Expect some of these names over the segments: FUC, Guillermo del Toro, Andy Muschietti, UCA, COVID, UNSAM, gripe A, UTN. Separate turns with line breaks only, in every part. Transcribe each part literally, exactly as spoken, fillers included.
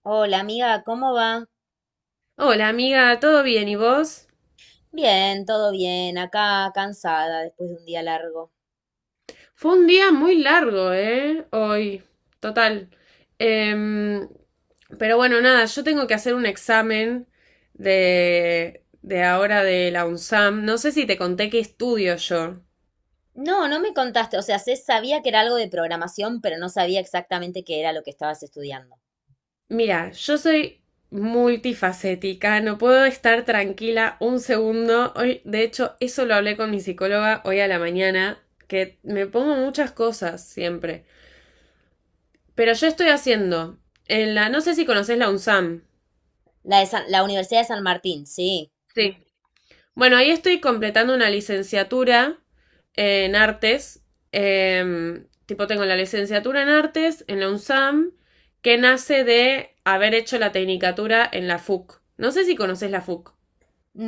Hola amiga, ¿cómo va?
Hola amiga, ¿todo bien? ¿Y vos?
Bien, todo bien, acá cansada después de un día largo.
Fue un día muy largo, ¿eh? Hoy, total. Em, pero bueno, nada, yo tengo que hacer un examen de, de ahora de la UNSAM. No sé si te conté qué estudio yo.
No, no me contaste, o sea, sé, sabía que era algo de programación, pero no sabía exactamente qué era lo que estabas estudiando.
Mira, yo soy multifacética, no puedo estar tranquila un segundo. Hoy, de hecho, eso lo hablé con mi psicóloga hoy a la mañana, que me pongo muchas cosas siempre. Pero yo estoy haciendo, en la, no sé si conoces la UNSAM.
La de San- la Universidad de San Martín, sí.
Sí. Bueno, ahí estoy completando una licenciatura en artes. em, tipo, tengo la licenciatura en artes en la UNSAM, que nace de haber hecho la tecnicatura en la FUC. No sé si conoces la FUC.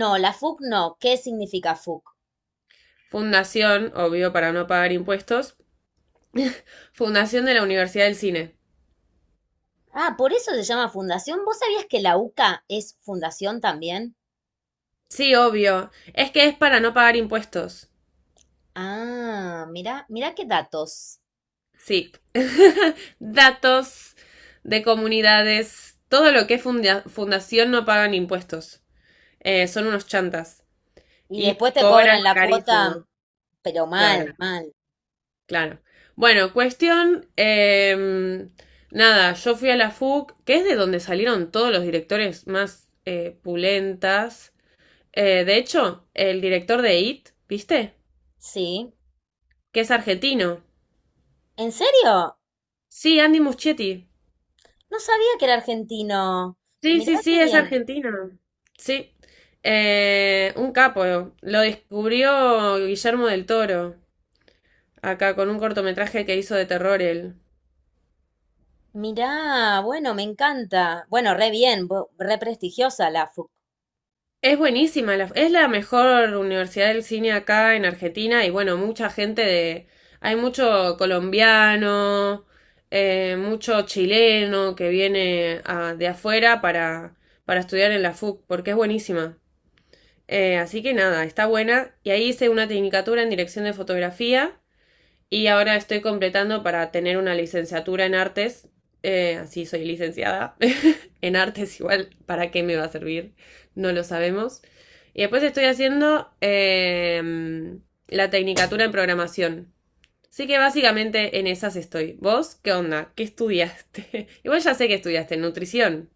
No, la FUC no. ¿Qué significa FUC?
Fundación, obvio, para no pagar impuestos. Fundación de la Universidad del Cine.
Ah, por eso se llama fundación. ¿Vos sabías que la UCA es fundación también?
Sí, obvio. Es que es para no pagar impuestos.
Ah, mira, mira qué datos.
Sí. Datos de comunidades. Todo lo que es funda- fundación no pagan impuestos. Eh, son unos chantas.
Y
Y
después te
cobran
cobran la cuota,
carísimo.
pero
Claro,
mal, mal.
claro. Bueno, cuestión. em, nada, yo fui a la FUC, que es de donde salieron todos los directores más eh, pulentas. Eh, de hecho, el director de IT, ¿viste?
Sí.
Que es argentino.
¿En serio?
Sí, Andy Muschietti.
No sabía que era argentino.
Sí,
Mirá
sí,
qué
sí, es ¿no?
bien.
argentino. Sí. Eh, un capo. Lo descubrió Guillermo del Toro, acá con un cortometraje que hizo de terror él.
Mirá, bueno, me encanta. Bueno, re bien, bo- re prestigiosa la FUC.
Es buenísima, la- es la mejor universidad del cine acá en Argentina y bueno, mucha gente de... Hay mucho colombiano, eh, mucho chileno que viene ah, de afuera para, para estudiar en la FUC, porque es buenísima. Eh, así que nada, está buena. Y ahí hice una tecnicatura en dirección de fotografía. Y ahora estoy completando para tener una licenciatura en artes. Eh, así soy licenciada en artes igual. ¿Para qué me va a servir? No lo sabemos. Y después estoy haciendo eh, la tecnicatura en programación. Así que básicamente en esas estoy. ¿Vos qué onda? ¿Qué estudiaste? Igual ya sé que estudiaste nutrición.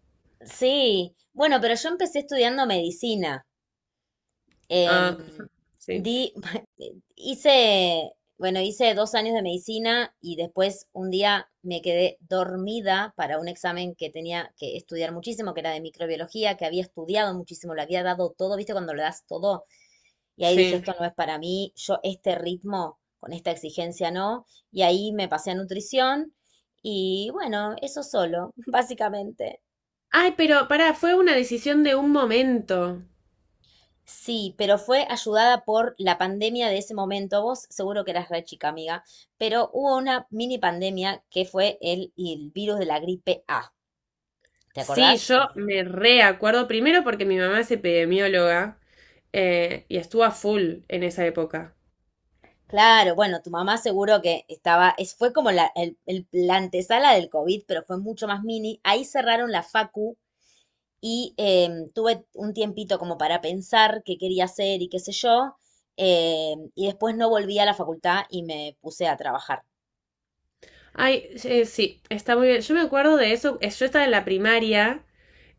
Sí, bueno, pero yo empecé estudiando medicina. Em,
Ah, sí,
di, hice, bueno, hice dos años de medicina y después un día me quedé dormida para un examen que tenía que estudiar muchísimo, que era de microbiología, que había estudiado muchísimo, lo había dado todo, ¿viste? Cuando lo das todo. Y ahí dije,
sí.
esto no es para mí, yo este ritmo con esta exigencia no. Y ahí me pasé a nutrición y bueno, eso solo, básicamente.
Ay, pero pará, fue una decisión de un momento.
Sí, pero fue ayudada por la pandemia de ese momento. Vos seguro que eras re chica, amiga, pero hubo una mini pandemia que fue el, el virus de la gripe A. ¿Te
Sí,
acordás?
yo me reacuerdo primero porque mi mamá es epidemióloga eh, y estuvo a full en esa época.
Claro, bueno, tu mamá seguro que estaba, es, fue como la, el- el- la antesala del COVID, pero fue mucho más mini. Ahí cerraron la facu y em, tuve un tiempito como para pensar qué quería hacer y qué sé yo, em, y después no volví a la facultad y me puse a trabajar.
Ay, sí, eh, sí, está muy bien. Yo me acuerdo de eso, eh, yo estaba en la primaria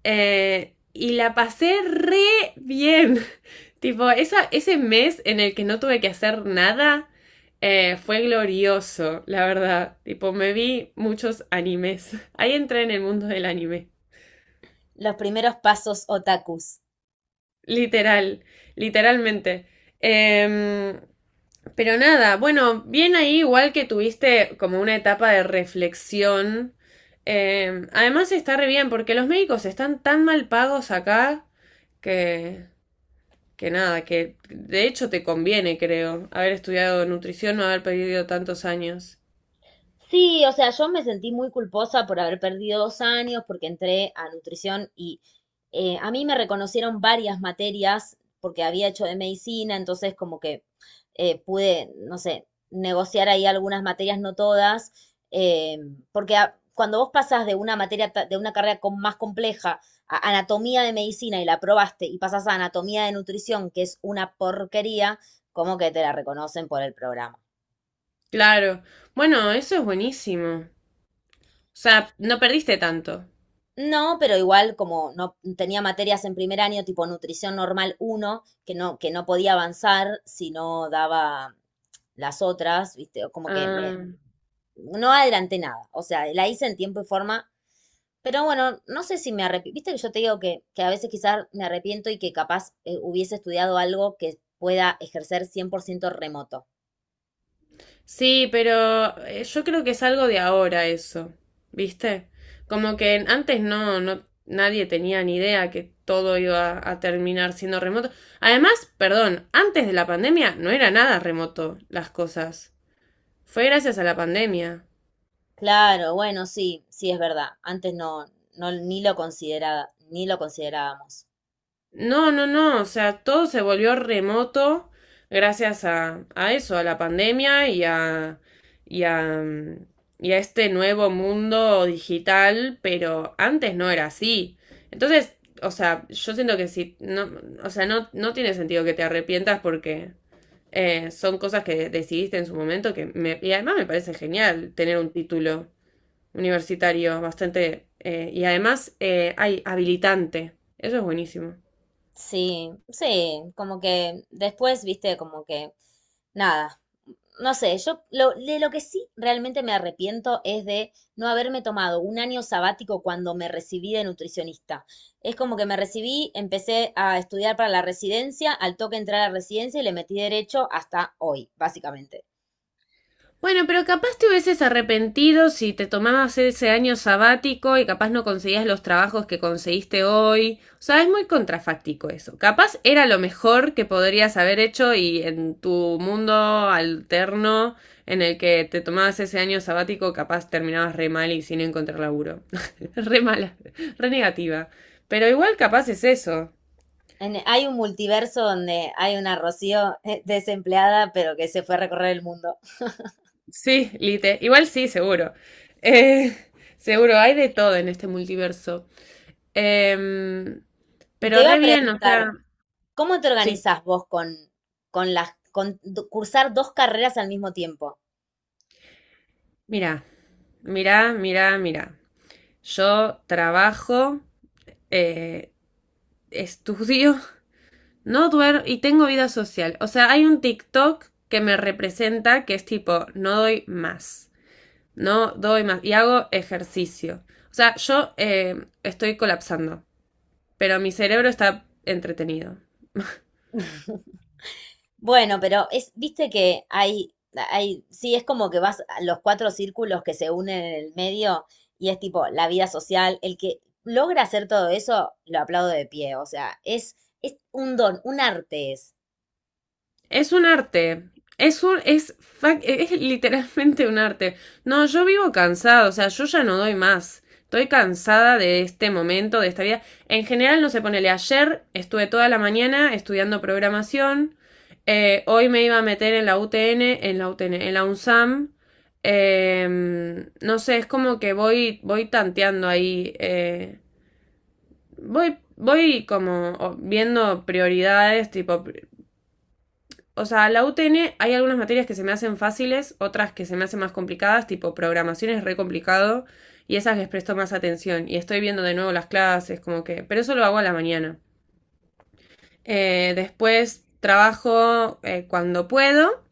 eh, y la pasé re bien. Tipo, esa, ese mes en el que no tuve que hacer nada eh, fue glorioso, la verdad. Tipo, me vi muchos animes. Ahí entré en el mundo del anime.
Los primeros pasos otakus.
Literal, literalmente. Em, pero nada, bueno, bien ahí igual que tuviste como una etapa de reflexión. Em, además está re bien porque los médicos están tan mal pagos acá que, que nada, que de hecho te conviene, creo, haber estudiado nutrición, no haber perdido tantos años.
Sí, o sea, yo me sentí muy culposa por haber perdido dos años, porque entré a nutrición y eh, a mí me reconocieron varias materias porque había hecho de medicina, entonces como que eh, pude, no sé, negociar ahí algunas materias, no todas, eh, porque a- cuando vos pasás de una materia, ta- de una carrera com- más compleja a anatomía de medicina y la aprobaste y pasás a anatomía de nutrición, que es una porquería, como que te la reconocen por el programa.
Claro. Bueno, eso es buenísimo. O sea, no perdiste tanto.
No, pero igual como no tenía materias en primer año, tipo nutrición normal uno que no, que no podía avanzar si no daba las otras, ¿viste? O como que me-
Ah.
no adelanté nada. O sea, la hice en tiempo y forma, pero bueno, no sé si me arrepiento. Viste que yo te digo que, que a veces quizás me arrepiento y que capaz eh, hubiese estudiado algo que pueda ejercer cien por ciento remoto.
Sí, pero eh, yo creo que es algo de ahora eso, ¿viste? Como que antes no, no, nadie tenía ni idea que todo iba a terminar siendo remoto. Además, perdón, antes de la pandemia no era nada remoto las cosas. Fue gracias a la pandemia.
Claro, bueno, sí, sí es verdad. Antes no, no, ni lo consideraba, ni lo considerábamos.
No, no, no, o sea, todo se volvió remoto gracias a, a eso, a la pandemia y a, y a, mm, y a este nuevo mundo digital, pero antes no era así. Entonces, o sea, yo siento que si, no, o sea, no, no tiene sentido que te arrepientas porque eh, son cosas que decidiste en su momento que me, y además me parece genial tener un título universitario bastante, eh, y además eh, hay habilitante. Eso es buenísimo.
Sí, sí, como que después, viste, como que nada, no sé, yo lo, de lo que sí realmente me arrepiento es de no haberme tomado un año sabático cuando me recibí de nutricionista. Es como que me recibí, empecé a estudiar para la residencia, al toque entré a la residencia y le metí derecho hasta hoy, básicamente.
Bueno, pero capaz te hubieses arrepentido si te tomabas ese año sabático y capaz no conseguías los trabajos que conseguiste hoy. O sea, es muy contrafáctico eso. Capaz era lo mejor que podrías haber hecho y en tu mundo alterno en el que te tomabas ese año sabático, capaz terminabas re mal y sin encontrar laburo. Re mala, re negativa. Pero igual capaz es eso.
En- hay un multiverso donde hay una Rocío eh, desempleada, pero que se fue a recorrer el mundo.
Sí, Lite. Igual sí, seguro. Eh, seguro, hay de todo en este multiverso. Em,
Y te
pero
iba
re
a
bien, o
preguntar,
sea,
¿cómo te
sí,
organizás vos con, con las, con do- cursar dos carreras al mismo tiempo?
mira, mira, mira, mira. Yo trabajo, eh, estudio, no duermo y tengo vida social. O sea, hay un TikTok que me representa que es tipo, no doy más, no doy más y hago ejercicio. O sea, yo eh, estoy colapsando, pero mi cerebro está entretenido.
Bueno, pero es, viste que hay, hay, sí, es como que vas a los cuatro círculos que se unen en el medio y es tipo la vida social. El que logra hacer todo eso, lo aplaudo de pie. O sea, es, es un don, un arte es.
Es un arte. Es un, es, fa- es literalmente un arte. No, yo vivo cansado, o sea, yo ya no doy más. Estoy cansada de este momento, de esta vida. En general, no se sé, ponele ayer, estuve toda la mañana estudiando programación. Eh, hoy me iba a meter en la U T N, en la U T N, en la UNSAM. Eh, no sé, es como que voy, voy tanteando ahí. eh, voy, voy como o- viendo prioridades, tipo, o sea, la U T N hay algunas materias que se me hacen fáciles, otras que se me hacen más complicadas, tipo programación es re complicado y esas les presto más atención y estoy viendo de nuevo las clases, como que, pero eso lo hago a la mañana. Eh, después trabajo eh, cuando puedo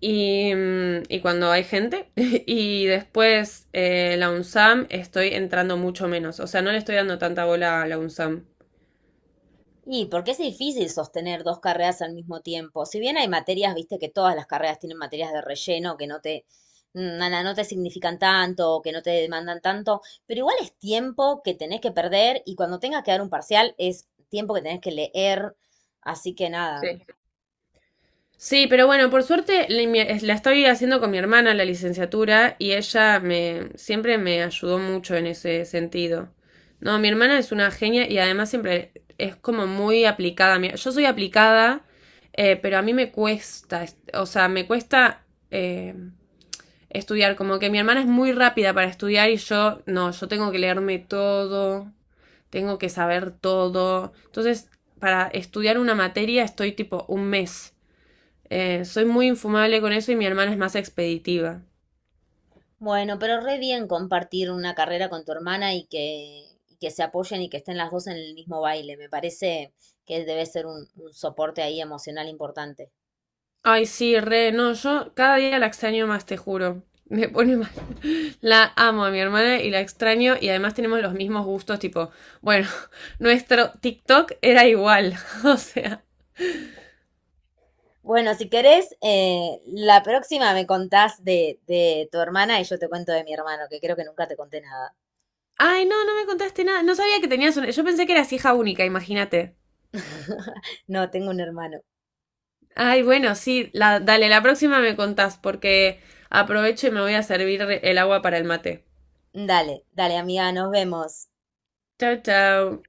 y, mm, y, cuando hay gente y después eh, la UNSAM estoy entrando mucho menos, o sea, no le estoy dando tanta bola a la UNSAM.
Y porque es difícil sostener dos carreras al mismo tiempo. Si bien hay materias, viste que todas las carreras tienen materias de relleno que no te, mm, nada, no te significan tanto, o que no te demandan tanto, pero igual es tiempo que tenés que perder y cuando tengas que dar un parcial es tiempo que tenés que leer. Así que nada.
Sí. Sí, pero bueno, por suerte la mi- la estoy haciendo con mi hermana la licenciatura y ella me siempre me ayudó mucho en ese sentido. No, mi hermana es una genia y además siempre es como muy aplicada. Mi- Yo soy aplicada, eh, pero a mí me cuesta, es- o sea, me cuesta eh, estudiar. Como que mi hermana es muy rápida para estudiar y yo no, yo tengo que leerme todo, tengo que saber todo. Entonces, para estudiar una materia estoy tipo un mes. Eh, soy muy infumable con eso y mi hermana es más expeditiva.
Bueno, pero re bien compartir una carrera con tu hermana y que, y que se apoyen y que estén las dos en el mismo baile. Me parece que debe ser un, un soporte ahí emocional importante.
Ay, sí, re, no, yo cada día la extraño más, te juro. Me pone mal. La amo a mi hermana y la extraño y además tenemos los mismos gustos, tipo, bueno, nuestro TikTok era igual, o sea.
Bueno, si querés, eh, la próxima me contás de, de tu hermana y yo te cuento de mi hermano, que creo que nunca te conté nada.
Ay, no, no me contaste nada. No sabía que tenías una... Yo pensé que eras hija única, imagínate.
No, tengo un hermano.
Ay, bueno, sí, la, dale, la próxima me contás porque aprovecho y me voy a servir el agua para el mate.
Dale, dale, amiga, nos vemos.
Chao, chao.